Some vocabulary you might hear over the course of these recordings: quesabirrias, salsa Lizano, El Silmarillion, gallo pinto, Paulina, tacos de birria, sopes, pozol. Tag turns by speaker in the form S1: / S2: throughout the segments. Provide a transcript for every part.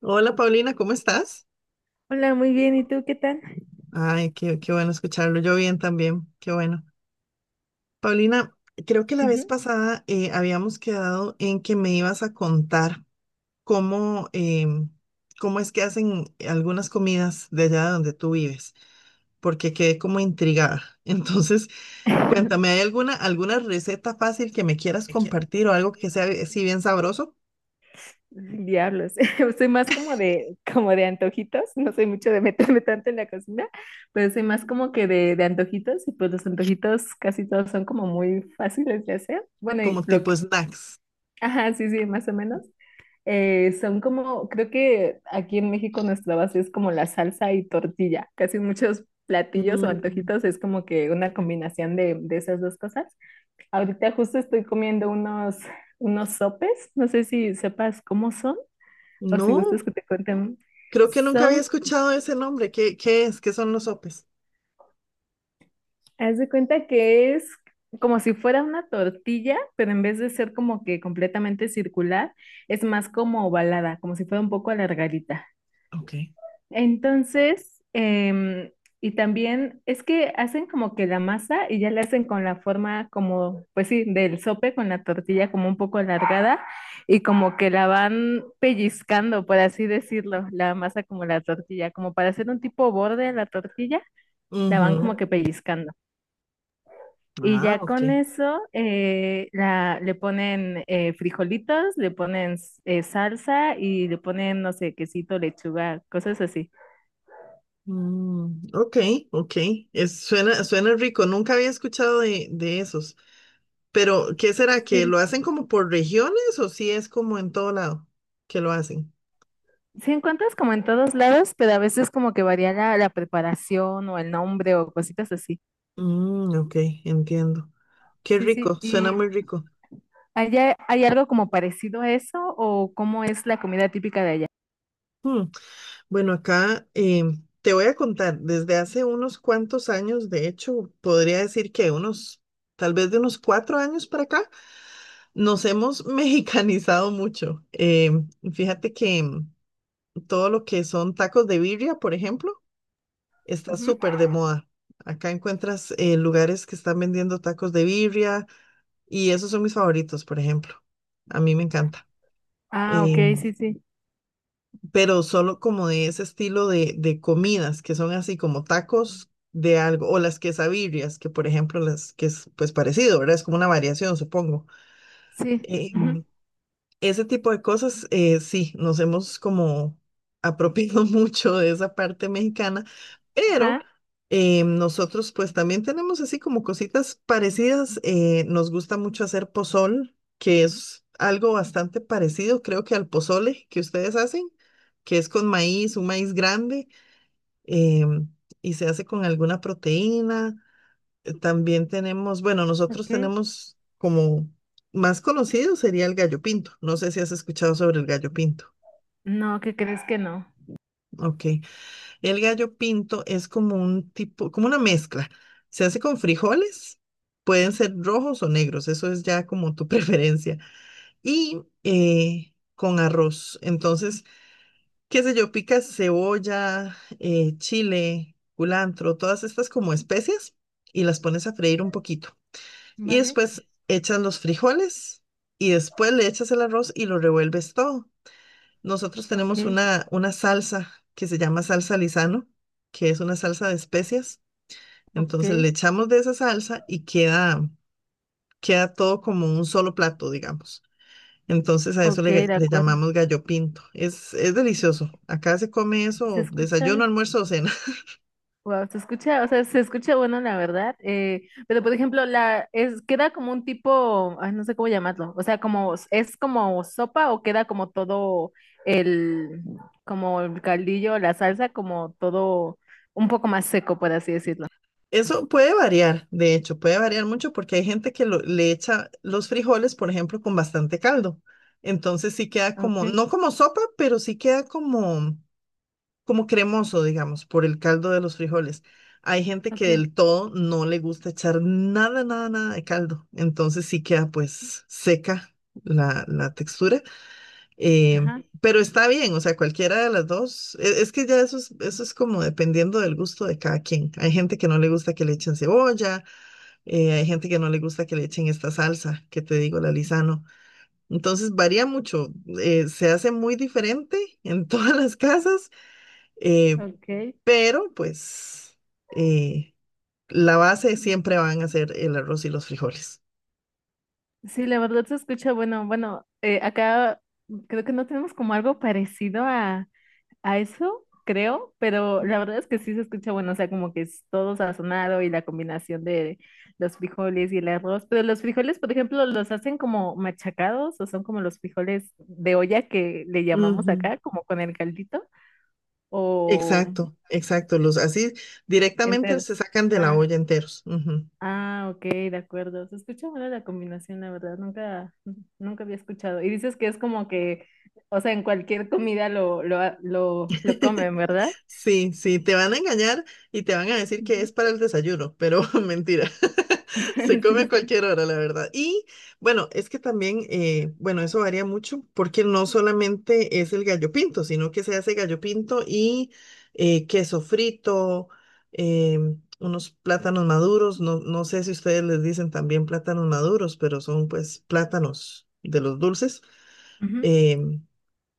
S1: Hola Paulina, ¿cómo estás?
S2: Hola, muy bien. ¿Y tú qué tal?
S1: Ay, qué bueno escucharlo. Yo bien también, qué bueno. Paulina, creo que la vez
S2: Ujú.
S1: pasada habíamos quedado en que me ibas a contar cómo, cómo es que hacen algunas comidas de allá donde tú vives, porque quedé como intrigada. Entonces, cuéntame, ¿hay alguna receta fácil que me quieras compartir o algo que sea así bien sabroso,
S2: Diablos. Soy más como de antojitos. No soy mucho de meterme tanto en la cocina, pero soy más como que de antojitos. Y pues los antojitos casi todos son como muy fáciles de hacer. Bueno,
S1: como
S2: y lo
S1: tipo
S2: que.
S1: snacks?
S2: Ajá, sí, sí, más o menos. Son como, creo que aquí en México nuestra base es como la salsa y tortilla. Casi muchos platillos o
S1: Mm,
S2: antojitos es como que una combinación de esas dos cosas. Ahorita justo estoy comiendo unos sopes. No sé si sepas cómo son o si
S1: no,
S2: gustas que te cuenten.
S1: creo que nunca había
S2: Son,
S1: escuchado ese nombre. ¿Qué es? ¿Qué son los sopes?
S2: haz de cuenta que es como si fuera una tortilla, pero en vez de ser como que completamente circular, es más como ovalada, como si fuera un poco alargadita.
S1: Ok.
S2: Entonces, y también es que hacen como que la masa y ya la hacen con la forma como, pues sí, del sope con la tortilla como un poco alargada y como que la van pellizcando, por así decirlo, la masa como la tortilla, como para hacer un tipo borde a la tortilla, la van
S1: Ujú.
S2: como que pellizcando. Y
S1: Ah,
S2: ya
S1: ok.
S2: con eso le ponen frijolitos, le ponen salsa y le ponen, no sé, quesito, lechuga, cosas así.
S1: Mm, ok, ok. Es, suena rico. Nunca había escuchado de esos. Pero, ¿qué será? ¿Que lo
S2: Sí.
S1: hacen como por regiones o si es como en todo lado que lo hacen?
S2: Sí encuentras como en todos lados, pero a veces como que varía la preparación o el nombre o cositas así.
S1: Mm, ok, entiendo. Qué
S2: Sí, sí.
S1: rico, suena
S2: ¿Y
S1: muy rico.
S2: allá hay algo como parecido a eso o cómo es la comida típica de allá?
S1: Hmm, bueno, acá te voy a contar, desde hace unos cuantos años, de hecho, podría decir que unos, tal vez de unos cuatro años para acá. Nos hemos mexicanizado mucho. Fíjate que todo lo que son tacos de birria, por ejemplo, está
S2: Ujú.
S1: súper de moda. Acá encuentras lugares que están vendiendo tacos de birria y esos son mis favoritos, por ejemplo. A mí me encanta.
S2: Ah, ok,
S1: Eh,
S2: sí, sí.
S1: pero solo como de ese estilo de comidas que son así como tacos de algo o las quesabirrias, que por ejemplo las que es pues parecido, ¿verdad? Es como una variación, supongo.
S2: Sí.
S1: Eh,
S2: Ujú.
S1: Ese tipo de cosas, sí, nos hemos como apropiado mucho de esa parte mexicana, pero
S2: Ajá,
S1: nosotros pues también tenemos así como cositas parecidas. Eh, nos gusta mucho hacer pozol, que es algo bastante parecido, creo que al pozole que ustedes hacen, que es con maíz, un maíz grande, em, y se hace con alguna proteína. También tenemos, bueno, nosotros
S2: ok.
S1: tenemos como más conocido sería el gallo pinto. No sé si has escuchado sobre el gallo pinto.
S2: No, ¿qué crees que no?
S1: Ok. El gallo pinto es como un tipo, como una mezcla. Se hace con frijoles, pueden ser rojos o negros, eso es ya como tu preferencia. Y con arroz. Entonces, qué sé yo, picas cebolla, chile, culantro, todas estas como especias y las pones a freír un poquito. Y
S2: Vale,
S1: después echas los frijoles y después le echas el arroz y lo revuelves todo. Nosotros
S2: ok,
S1: tenemos una salsa que se llama salsa Lizano, que es una salsa de especias.
S2: ok,
S1: Entonces le echamos de esa salsa y queda, queda todo como un solo plato, digamos. Entonces a eso
S2: ok,
S1: le,
S2: de
S1: le
S2: acuerdo.
S1: llamamos gallo pinto. Es delicioso. Acá se come
S2: Se
S1: eso, desayuno,
S2: escucha,
S1: almuerzo o cena.
S2: Wow, se escucha, o sea, se escucha bueno, la verdad. Pero por ejemplo, la es queda como un tipo, ay, no sé cómo llamarlo. O sea, como es como sopa o queda como todo el, como el caldillo, la salsa, como todo un poco más seco, por así decirlo.
S1: Eso puede variar, de hecho, puede variar mucho porque hay gente que le echa los frijoles, por ejemplo, con bastante caldo. Entonces sí queda como,
S2: Okay,
S1: no como sopa, pero sí queda como, como cremoso, digamos, por el caldo de los frijoles. Hay gente que
S2: okay,
S1: del todo no le gusta echar nada, nada, nada de caldo. Entonces sí queda pues seca la textura. Eh,
S2: ajá,
S1: pero está bien, o sea, cualquiera de las dos. Es, que ya eso es como dependiendo del gusto de cada quien. Hay gente que no le gusta que le echen cebolla, hay gente que no le gusta que le echen esta salsa, que te digo, la Lisano. Entonces varía mucho, se hace muy diferente en todas las casas, eh,
S2: okay.
S1: pero pues eh, la base siempre van a ser el arroz y los frijoles.
S2: Sí, la verdad se escucha bueno. Bueno, acá creo que no tenemos como algo parecido a eso, creo, pero la verdad es que sí se escucha bueno, o sea, como que es todo sazonado y la combinación de los frijoles y el arroz, pero los frijoles, por ejemplo, los hacen como machacados o son como los frijoles de olla que le llamamos
S1: Ujú,
S2: acá, como con el caldito o
S1: exacto, exacto. Los así directamente
S2: enteros.
S1: se sacan de la
S2: Ah,
S1: olla enteros. Ujú.
S2: ah, ok, de acuerdo. Se escucha bueno la combinación, la verdad, nunca, nunca había escuchado. Y dices que es como que, o sea, en cualquier comida lo comen, ¿verdad?
S1: Sí, sí, te van a engañar y te van a decir que
S2: Ujú.
S1: es para el desayuno, pero mentira. Se come a
S2: Sí, sí.
S1: cualquier hora, la verdad. Y bueno, es que también, bueno, eso varía mucho porque no solamente es el gallo pinto, sino que se hace gallo pinto y queso frito, eh, unos plátanos maduros. No, no sé si ustedes les dicen también plátanos maduros, pero son pues plátanos de los dulces.
S2: Ujú.
S1: Eh,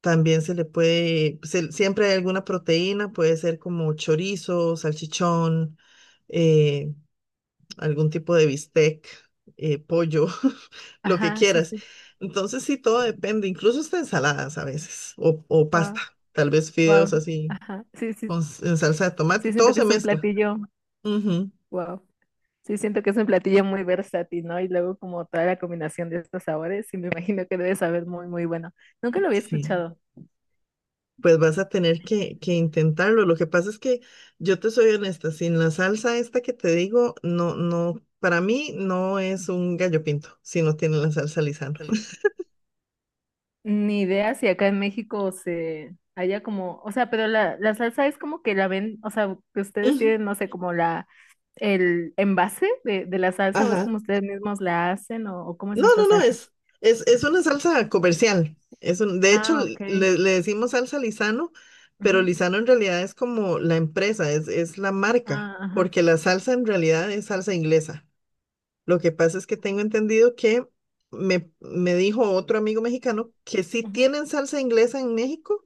S1: también se le puede, siempre hay alguna proteína, puede ser como chorizo, salchichón, eh, algún tipo de bistec, pollo, lo que
S2: Ajá, sí,
S1: quieras.
S2: sí.
S1: Entonces sí, todo depende, incluso hasta ensaladas a veces, o pasta,
S2: Wow,
S1: tal vez
S2: wow.
S1: fideos así,
S2: Ajá, sí, sí.
S1: con, en salsa de tomate,
S2: Sí,
S1: todo
S2: siento que
S1: se
S2: es un
S1: mezcla.
S2: platillo.
S1: Ujú,
S2: Wow. Sí, siento que es un platillo muy versátil, ¿no? Y luego como toda la combinación de estos sabores, sí me imagino que debe saber muy, muy bueno. Nunca lo había
S1: sí.
S2: escuchado.
S1: Pues vas a tener que intentarlo. Lo que pasa es que yo te soy honesta, sin la salsa esta que te digo, no, no, para mí no es un gallo pinto si no tiene la salsa Lizano.
S2: Ni idea si acá en México se haya como, o sea, pero la salsa es como que la ven, o sea, que ustedes
S1: Ujú,
S2: tienen, no sé, como el envase de la salsa, o es
S1: ajá.
S2: como ustedes mismos la hacen, o cómo es
S1: No,
S2: esta
S1: no, no,
S2: salsa.
S1: es una salsa comercial. Es un, de hecho,
S2: Ah, ok.
S1: le, le decimos salsa Lizano, pero
S2: Ujú.
S1: Lizano en realidad es como la empresa, es la marca,
S2: Ah,
S1: porque la salsa en realidad es salsa inglesa. Lo que pasa es que tengo entendido que me dijo otro amigo mexicano que sí
S2: ajá.
S1: tienen salsa inglesa en México,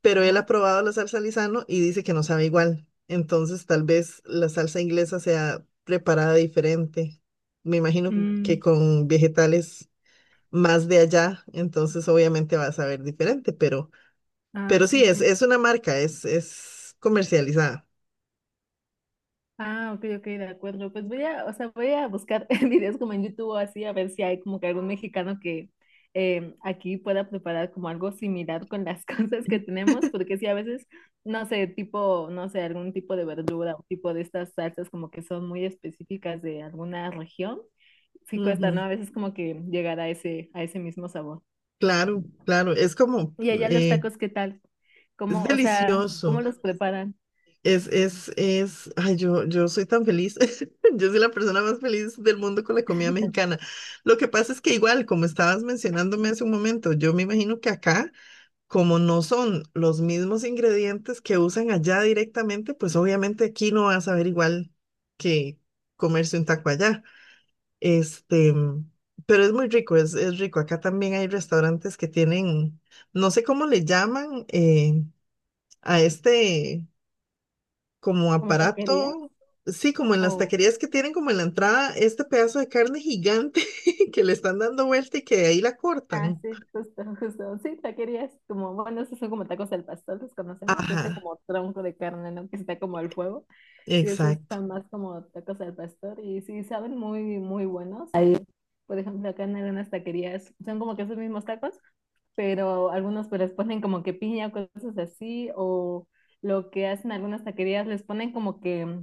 S1: pero él
S2: Ajá.
S1: ha probado la salsa Lizano y dice que no sabe igual. Entonces, tal vez la salsa inglesa sea preparada diferente. Me imagino que
S2: Mm,
S1: con vegetales más de allá, entonces obviamente va a saber diferente,
S2: ah,
S1: pero sí,
S2: sí, sí.
S1: es una marca, es comercializada.
S2: Ah, ok, ok, de acuerdo. Pues voy a, o sea, voy a buscar videos como en YouTube o así, a ver si hay como que algún mexicano que aquí pueda preparar como algo similar con las cosas que tenemos, porque sí, a veces, no sé, tipo, no sé, algún tipo de verdura o tipo de estas salsas como que son muy específicas de alguna región, sí cuesta, ¿no?
S1: Ujú,
S2: A veces como que llegar a ese mismo sabor.
S1: claro, claro, es como,
S2: Y allá los
S1: eh,
S2: tacos, ¿qué tal?
S1: es
S2: ¿Cómo, o sea, cómo
S1: delicioso.
S2: los preparan?
S1: Es, ay, yo soy tan feliz. Yo soy la persona más feliz del mundo con la comida mexicana. Lo que pasa es que igual, como estabas mencionándome hace un momento, yo me imagino que acá, como no son los mismos ingredientes que usan allá directamente, pues obviamente aquí no vas a ver igual que comerse un taco allá. Este, pero es muy rico, es rico. Acá también hay restaurantes que tienen, no sé cómo le llaman, a este como
S2: ¿Como taquerías?
S1: aparato, sí, como en las
S2: ¿O
S1: taquerías que tienen como en la entrada este pedazo de carne gigante que le están dando vuelta y que de ahí la
S2: Ah,
S1: cortan.
S2: sí, justo, justo. Sí, taquerías como, bueno, esos son como tacos al pastor, los conocemos, este
S1: Ajá,
S2: como tronco de carne, ¿no? Que está como al fuego. Sí, esos
S1: exacto.
S2: están más como tacos al pastor y sí, saben muy, muy buenos. Ahí, por ejemplo, acá en algunas taquerías son como que esos mismos tacos, pero algunos pues les ponen como que piña, cosas así, o lo que hacen algunas taquerías les ponen como que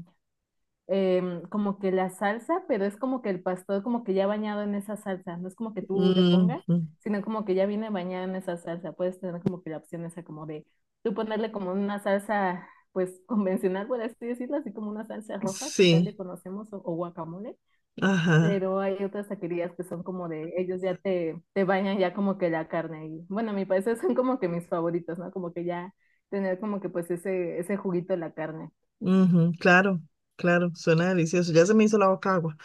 S2: como que la salsa, pero es como que el pastor como que ya bañado en esa salsa, no es como que tú le
S1: Mm,
S2: pongas,
S1: mm,
S2: sino como que ya viene bañado en esa salsa, puedes tener como que la opción esa como de tú ponerle como una salsa pues convencional, por así decirlo, así como una salsa roja que acá le
S1: sí,
S2: conocemos o guacamole,
S1: ajá.
S2: pero hay otras taquerías que son como de ellos ya te bañan ya como que la carne y bueno, a mi parecer son como que mis favoritos, ¿no? Como que ya tener como que pues ese juguito de la carne.
S1: Ujú, claro, claro, suena delicioso. Ya se me hizo la boca agua.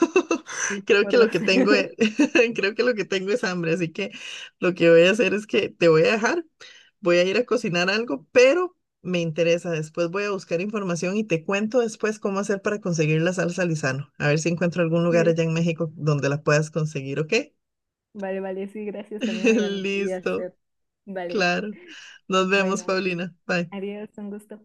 S2: Sí, sí,
S1: Creo que lo
S2: podrás.
S1: que tengo es, creo que lo que tengo es hambre, así que lo que voy a hacer es que te voy a dejar, voy a ir a cocinar algo, pero me interesa. Después voy a buscar información y te cuento después cómo hacer para conseguir la salsa Lizano. A ver si encuentro algún lugar
S2: Sí.
S1: allá en México donde la puedas conseguir, ¿ok?
S2: Vale, vale, sí, gracias. También voy a
S1: Listo,
S2: hacer. Vale.
S1: claro. Nos vemos,
S2: Bueno,
S1: Paulina. Bye.
S2: adiós, un gusto.